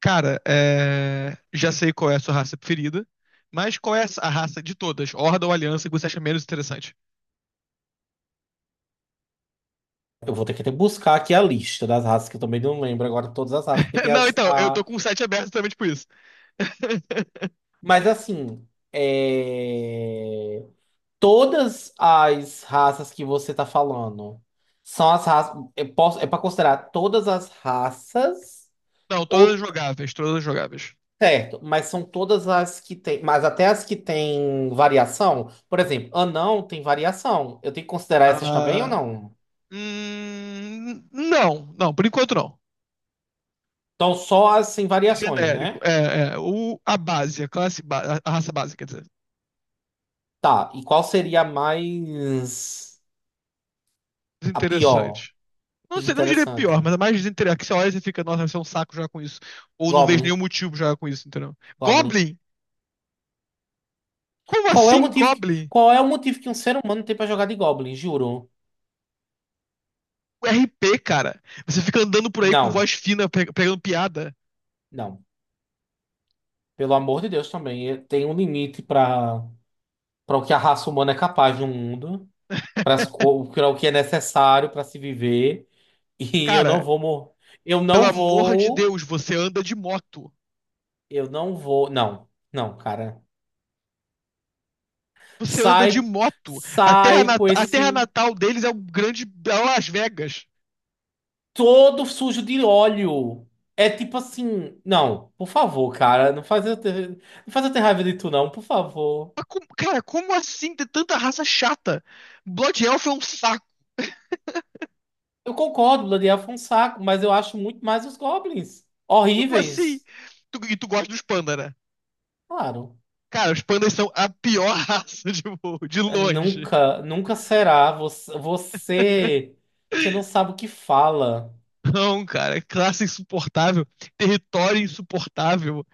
Cara, já sei qual é a sua raça preferida, mas qual é a raça de todas, Horda ou Aliança, que você acha menos interessante? Eu vou ter que até buscar aqui a lista das raças, que eu também não lembro agora todas as raças, porque tem Não, as. então, eu tô A... com o site aberto também, por isso. Mas assim, é, todas as raças que você tá falando são as raças. Eu posso... É para considerar todas as raças, Não, todas ou jogáveis, todas jogáveis. certo, mas são todas as que tem. Mas até as que têm variação. Por exemplo, anão tem variação. Eu tenho que considerar essas também ou Ah, não? Não, por enquanto não. Então, só as sem variações, Genérico, né? O, a base, a classe, a raça base, quer dizer. Tá, e qual seria a mais. A pior. Desinteressante. Não Isso é sei, não diria pior, interessante. mas é mais desinteressante. Que você olha e você fica, nossa, vai ser um saco jogar com isso. Ou não vejo nenhum Goblin. motivo pra jogar com isso, entendeu? Goblin. Goblin! Como assim, Goblin? Qual é o motivo que um ser humano tem pra jogar de Goblin? Juro. O RP, cara. Você fica andando por aí com voz Não. fina, pegando piada. Não. Pelo amor de Deus também. Tem um limite pra para o que a raça humana é capaz no mundo, para para o que é necessário pra se viver. E eu não Cara, vou morrer. Eu pelo não amor de vou. Deus, você anda de moto. Eu não vou. Não. Não, cara. Você anda de Sai, moto. A terra, sai com a terra esse. natal deles é o grande é Las Vegas. Todo sujo de óleo. É tipo assim, não, por favor, cara, não faz eu ter raiva de tu, não, por favor. Mas cara, como assim ter tanta raça chata? Blood Elf é um saco. Eu concordo, Blood foi um saco, mas eu acho muito mais os goblins. Como assim? Horríveis, E tu gosta dos pandas, né? claro. Cara, os pandas são a pior raça de longe. Nunca será. Você, você não sabe o que fala, Não, cara, é classe insuportável, território insuportável.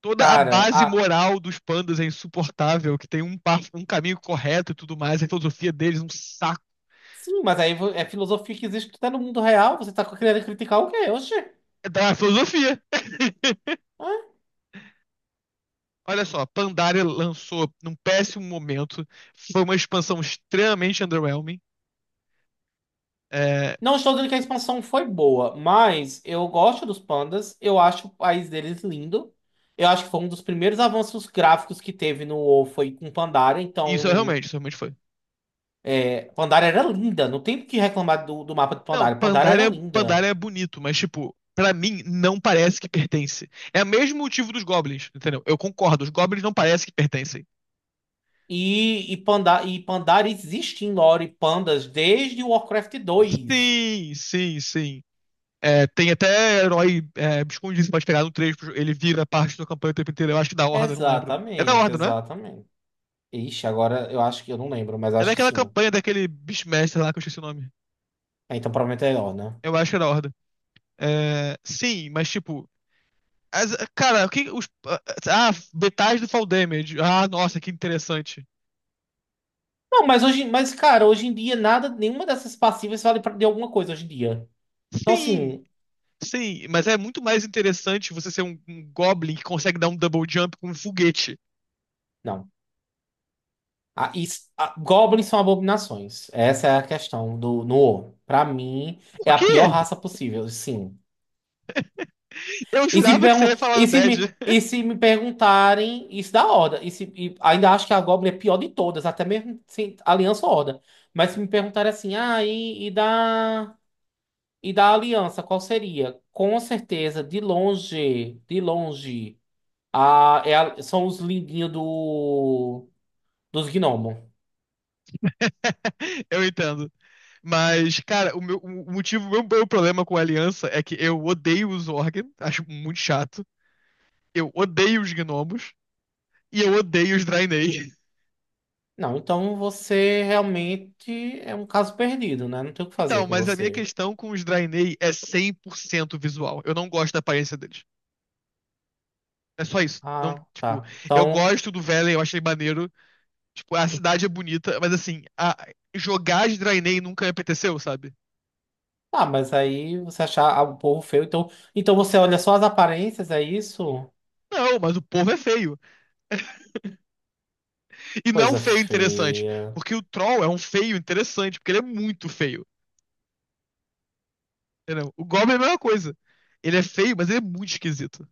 Toda a cara. base Ah, moral dos pandas é insuportável, que tem um, um caminho correto e tudo mais, a filosofia deles é um saco. sim, mas aí é filosofia que existe até no mundo real. Você tá querendo criticar o quê? Oxê. É da filosofia. Olha só, Pandaria lançou num péssimo momento, foi uma expansão extremamente underwhelming. É, Não estou dizendo que a expansão foi boa, mas eu gosto dos pandas, eu acho o país deles lindo. Eu acho que foi um dos primeiros avanços gráficos que teve no WoW foi com Pandaria, então isso é realmente, isso realmente foi. Pandaria era linda, não tem o que reclamar do mapa de Não, Pandaria. Pandaria era linda. Pandaria é bonito, mas tipo, pra mim não parece que pertence. É o mesmo motivo dos goblins, entendeu? Eu concordo, os goblins não parece que pertencem. Panda, e Pandaria existe em lore pandas desde o Warcraft 2. Sim, sim, sim. É, tem até herói escondido, você pode pegar no 3, ele vira parte da campanha o tempo inteiro. Eu acho que da Horda, não lembro. É da Exatamente, Horda, não é? exatamente. Ixi, agora eu acho que eu não lembro, mas É acho que daquela sim. campanha daquele Beastmaster lá que eu esqueci o nome. Ah, então provavelmente é ó, né? Eu acho que é da Horda. É, sim, mas tipo. Cara, o que. Os detalhes do Fall Damage. Ah, nossa, que interessante. Não, mas hoje, mas cara, hoje em dia nada, nenhuma dessas passivas vale pra, de alguma coisa hoje em dia. Então Sim, assim, sim, mas é muito mais interessante você ser um Goblin que consegue dar um double jump com um foguete. não. Goblins são abominações. Essa é a questão do no WoW. Pra mim Por é a quê? pior raça possível, sim. Eu E se me jurava que você ia pergun- falar Undead. e se me perguntarem isso da Horda, e se e ainda acho que a Goblin é pior de todas, até mesmo sem Aliança ou Horda. Mas se me perguntarem assim, ah, e da Aliança, qual seria? Com certeza, de longe são os lindinhos dos gnomos. Eu entendo. Mas, cara, o meu o motivo, o meu, meu problema com a Aliança é que eu odeio os Zorg, acho muito chato. Eu odeio os gnomos e eu odeio os Draenei. Não, então você realmente é um caso perdido, né? Não tem o que Então, fazer com mas a minha você. questão com os Draenei é 100% visual. Eu não gosto da aparência deles. É só isso. Não, Ah, tipo, tá. eu Então, gosto do Velen, eu achei maneiro. Tipo, a cidade é bonita, mas assim, jogar de Draenei nunca me apeteceu, sabe? ah, mas aí você achar ah, o povo feio, então, então você olha só as aparências, é isso? Não, mas o povo é feio. E não é um Coisa feio interessante. feia. Porque o Troll é um feio interessante, porque ele é muito feio. Entendeu? O Goblin é a mesma coisa. Ele é feio, mas ele é muito esquisito.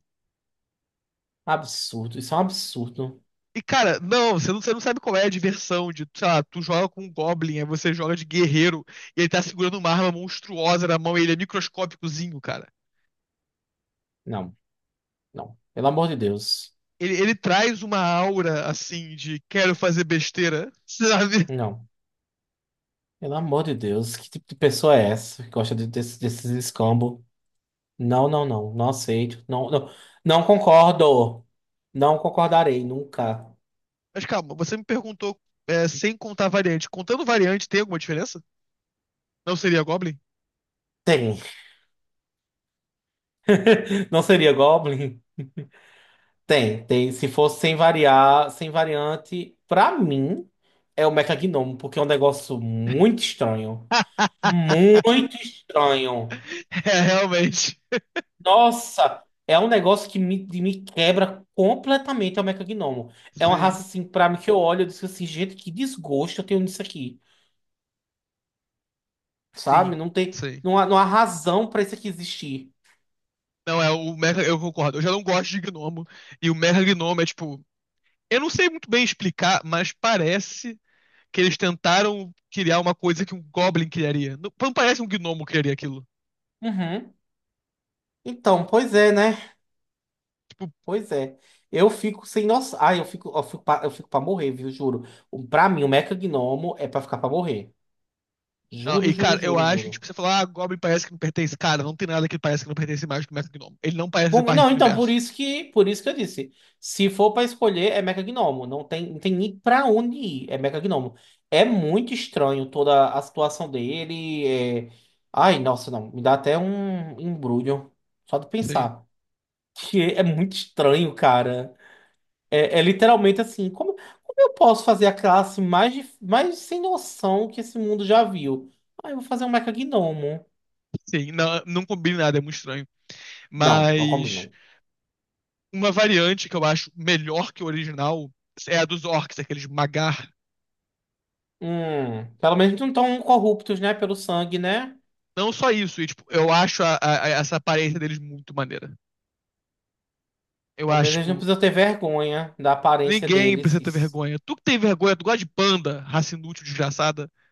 Absurdo. Isso é um absurdo. E, cara, não, você não sabe qual é a diversão de, sei lá, tu joga com um Goblin, aí você joga de guerreiro, e ele tá segurando uma arma monstruosa na mão, e ele é microscópicozinho, cara. Não, não. Pelo amor de Deus. Ele traz uma aura, assim, de quero fazer besteira, sabe? Não. Pelo amor de Deus. Que tipo de pessoa é essa que gosta de- desse- desses escambos? Não, não, não. Não aceito. Não, não, não concordo. Não concordarei nunca. Mas calma, você me perguntou, é, sem contar variante. Contando variante, tem alguma diferença? Não seria Goblin? Tem. Não seria Goblin? Tem, tem. Se fosse sem variar, sem variante, pra mim é o Mecha-Gnomo, porque é um negócio muito estranho. Muito estranho. É, realmente. Nossa, é um negócio que me quebra completamente é o Mecha-Gnomo. É uma raça Sim, assim, pra mim que eu olho e digo assim, gente, que desgosto eu tenho nisso aqui. sim, Sabe? Sim. Não há razão pra isso aqui existir. Não, é o Mecha, eu concordo. Eu já não gosto de Gnomo. E o Mecha Gnomo é tipo. Eu não sei muito bem explicar, mas parece que eles tentaram criar uma coisa que um Goblin criaria. Não, não parece que um Gnomo criaria aquilo. Uhum. Então, pois é, né? Tipo, Pois é. Eu fico sem noção. Ai, eu fico pra morrer, viu? Juro. Pra mim, o Mecha Gnomo é pra ficar pra morrer. Juro, e juro, cara, eu juro, acho que juro. tipo, você falar, ah, Goblin parece que não pertence. Cara, não tem nada que parece que não pertence mais que o Mecha Gnomo. Ele não parece ser parte do Não, então, universo. Por isso que eu disse. Se for pra escolher, é Mecha Gnomo. Não tem nem pra onde ir. É Mecha Gnomo. É muito estranho toda a situação dele. Ai, nossa, não. Me dá até um embrulho. Só de Sim, pensar. Que é muito estranho, cara. É, é literalmente assim, como eu posso fazer a classe mais sem noção que esse mundo já viu? Ah, eu vou fazer um mecagnomo. sim, não, não combina nada, é muito estranho. Não, não Mas combinam. uma variante que eu acho melhor que o original é a dos orcs, aqueles Magar. Pelo menos não estão corruptos, né? Pelo sangue, né? Não só isso, e, tipo, eu acho essa aparência deles muito maneira. Eu Pelo acho, menos eles não tipo, precisam ter vergonha da aparência ninguém deles. precisa ter vergonha. Tu que tem vergonha, tu gosta de panda, raça inútil, desgraçada, não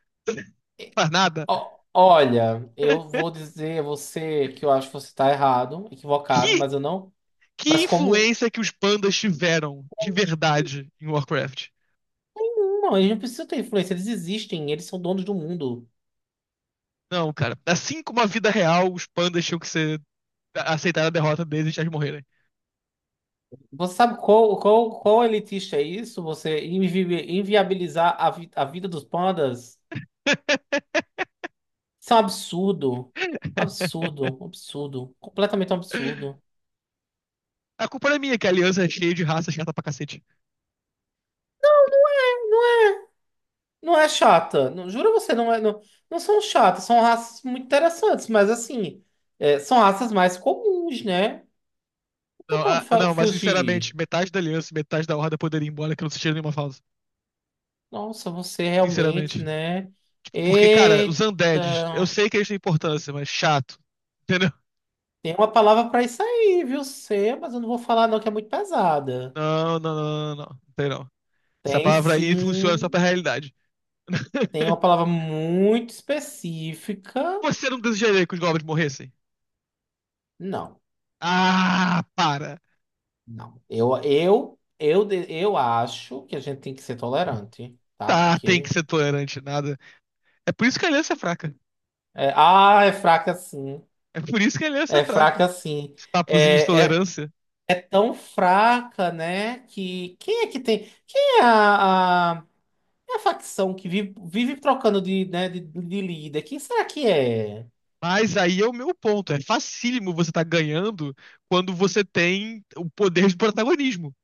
é, faz nada. Ó, olha, eu vou dizer a você que eu acho que você está errado, equivocado, Que, mas eu não. que Mas como. influência que os pandas tiveram de verdade em Warcraft? Não, eles não precisam ter influência, eles existem, eles são donos do mundo. Não, cara. Assim como a vida real, os pandas tinham que ser aceitar a derrota deles e deixar eles morrerem. Você sabe qual elitista é isso? Você inviabilizar a vida dos pandas? Isso é um absurdo. Um absurdo, um absurdo. Completamente um absurdo. A culpa não é minha, que a aliança é cheia de raça chata pra cacete. Não é chata. Não, juro você, não é. Não, não são chatas, são raças muito interessantes, mas assim, são raças mais comuns, né? Não tem Não, pra onde não, mas fugir. sinceramente, metade da aliança e metade da horda poderia ir embora que eu não sentiria nenhuma falta. Nossa, você realmente, Sinceramente. né? Porque, cara, os Eita. undeads, eu sei que eles têm importância, mas chato. Entendeu? Tem uma palavra pra isso aí, viu? Você, mas eu não vou falar, não, que é muito pesada. Não. Não tem não. Essa Tem palavra aí funciona só sim. pra realidade. Tem uma palavra muito específica. Você não desejaria que os goblins morressem? Não, Ah, para. não. Eu, eu acho que a gente tem que ser tolerante, tá? Tá, tem que Porque. ser tolerante, nada. É por isso que a aliança é fraca. É fraca sim. É por isso que a aliança é É fraca. fraca sim. Papozinho de É, é, tolerância. é tão fraca, né? Que. Quem é que tem. Quem é é a facção que vive, vive trocando de, né, de líder? Quem será que é? Mas aí é o meu ponto. É facílimo você estar ganhando quando você tem o poder de protagonismo.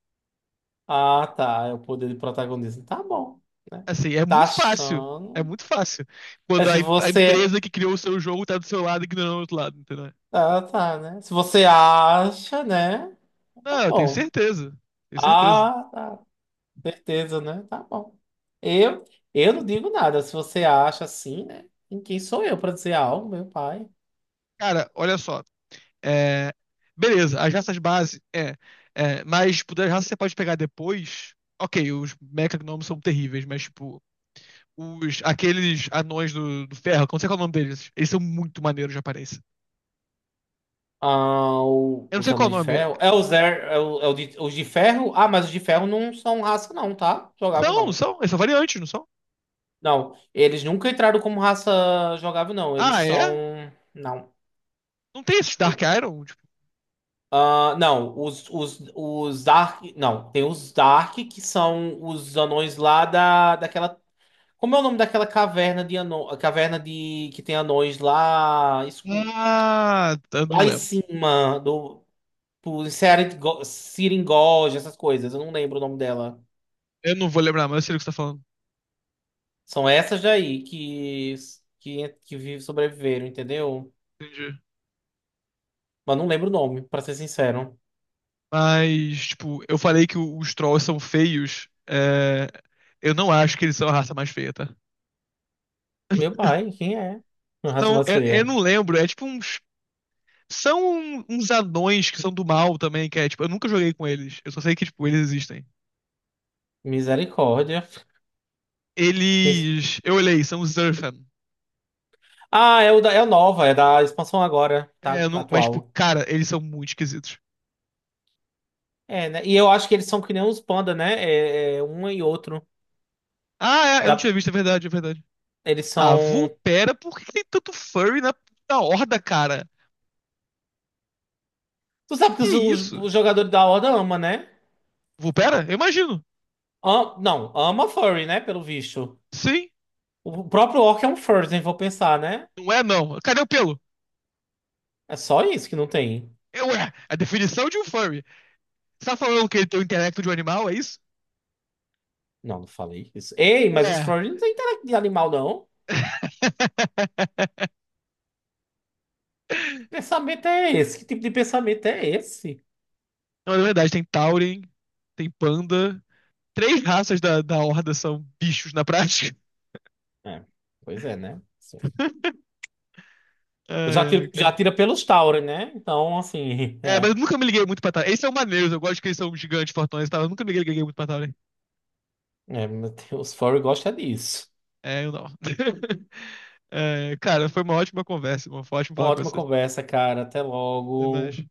Ah, tá. É o poder de protagonismo. Tá bom. Né? Assim, é Tá muito fácil. É achando. muito fácil. É Quando se a você. empresa que criou o seu jogo tá do seu lado e ignorando o outro lado, entendeu? Ah, tá, né? Se você acha, né? Tá Não, eu tenho bom. certeza. Tenho certeza. Ah, tá. Certeza, né? Tá bom. Eu, eu não digo nada. Se você acha assim, né? Em quem sou eu pra dizer algo, meu pai? Cara, olha só. É, Beleza, as raças base, Mas tipo, das raças que você pode pegar depois. Ok, os mecagnomos são terríveis, mas tipo, os, aqueles anões do ferro, como sei qual é o nome deles? Eles são muito maneiros de aparência. Ah, Eu não os sei qual o anões de nome. ferro. É, é, é os de ferro? Ah, mas os de ferro não são raça, não, tá? Jogável, não. Eles são variantes, não são? Não, eles nunca entraram como raça jogável, não. Eles Ah, são. é? Não. Não tem esses Dark Iron? Tipo, Ah, não, os Dark. Não, tem os Dark, que são os anões lá daquela. Como é o nome daquela caverna de anões? A caverna de que tem anões lá, ah, eu não lá em lembro. cima, do por Seringoja, essas coisas. Eu não lembro o nome dela. Eu não vou lembrar, mas eu sei do que você tá falando. São essas daí que sobreviveram, entendeu? Entendi. Mas não lembro o nome, pra ser sincero. Mas, tipo, eu falei que os trolls são feios. Eu não acho que eles são a raça mais feia, tá? Meu pai, quem é? A raça São, mais eu feia. não lembro, é tipo uns. São uns anões que são do mal também, que é tipo, eu nunca joguei com eles. Eu só sei que, tipo, eles existem. Misericórdia. Eles. Eu olhei, são os Zerfan. Ah, é o da, é o nova, é da expansão agora, tá É, eu não- mas, tipo, atual. cara, eles são muito esquisitos. É, né? E eu acho que eles são que nem os panda, né? É, é um e outro. Ah, é, eu não tinha Da, visto, é verdade, é verdade. eles Ah, são. Vulpera, por que que tem tanto furry na horda, cara? Tu sabe que Que os, isso? os jogadores da Horda ama, né? Vulpera? Eu imagino. Não, ama furry, né? Pelo visto. Sim, O próprio Orc é um furry, se vou pensar, né? não é não. Cadê o pelo? É só isso que não tem. Eu É, a definição de um furry. Você tá falando que ele tem o intelecto de um animal, é isso? Não, não falei isso. Ei, mas os Ué. furry não tem intelecto de animal, não. Que pensamento é esse? Que tipo de pensamento é esse? Não, é verdade, tem Tauren, tem Panda. Três raças da horda são bichos na prática. É, pois é, né? Eu já Ai, ai, tiro, já cara. tira pelos Tauri, né? Então, assim, É, mas é. eu nunca me liguei muito pra Tauren. Eles são maneiros, eu gosto que eles são gigantes, fortões e tal. Eu nunca me liguei liguei muito pra Tauren. É, meu Deus, furry gosta disso. É, eu não. É, cara, foi uma ótima conversa, irmão. Foi ótimo falar com Ótima você. conversa, cara. Até Até mais. logo.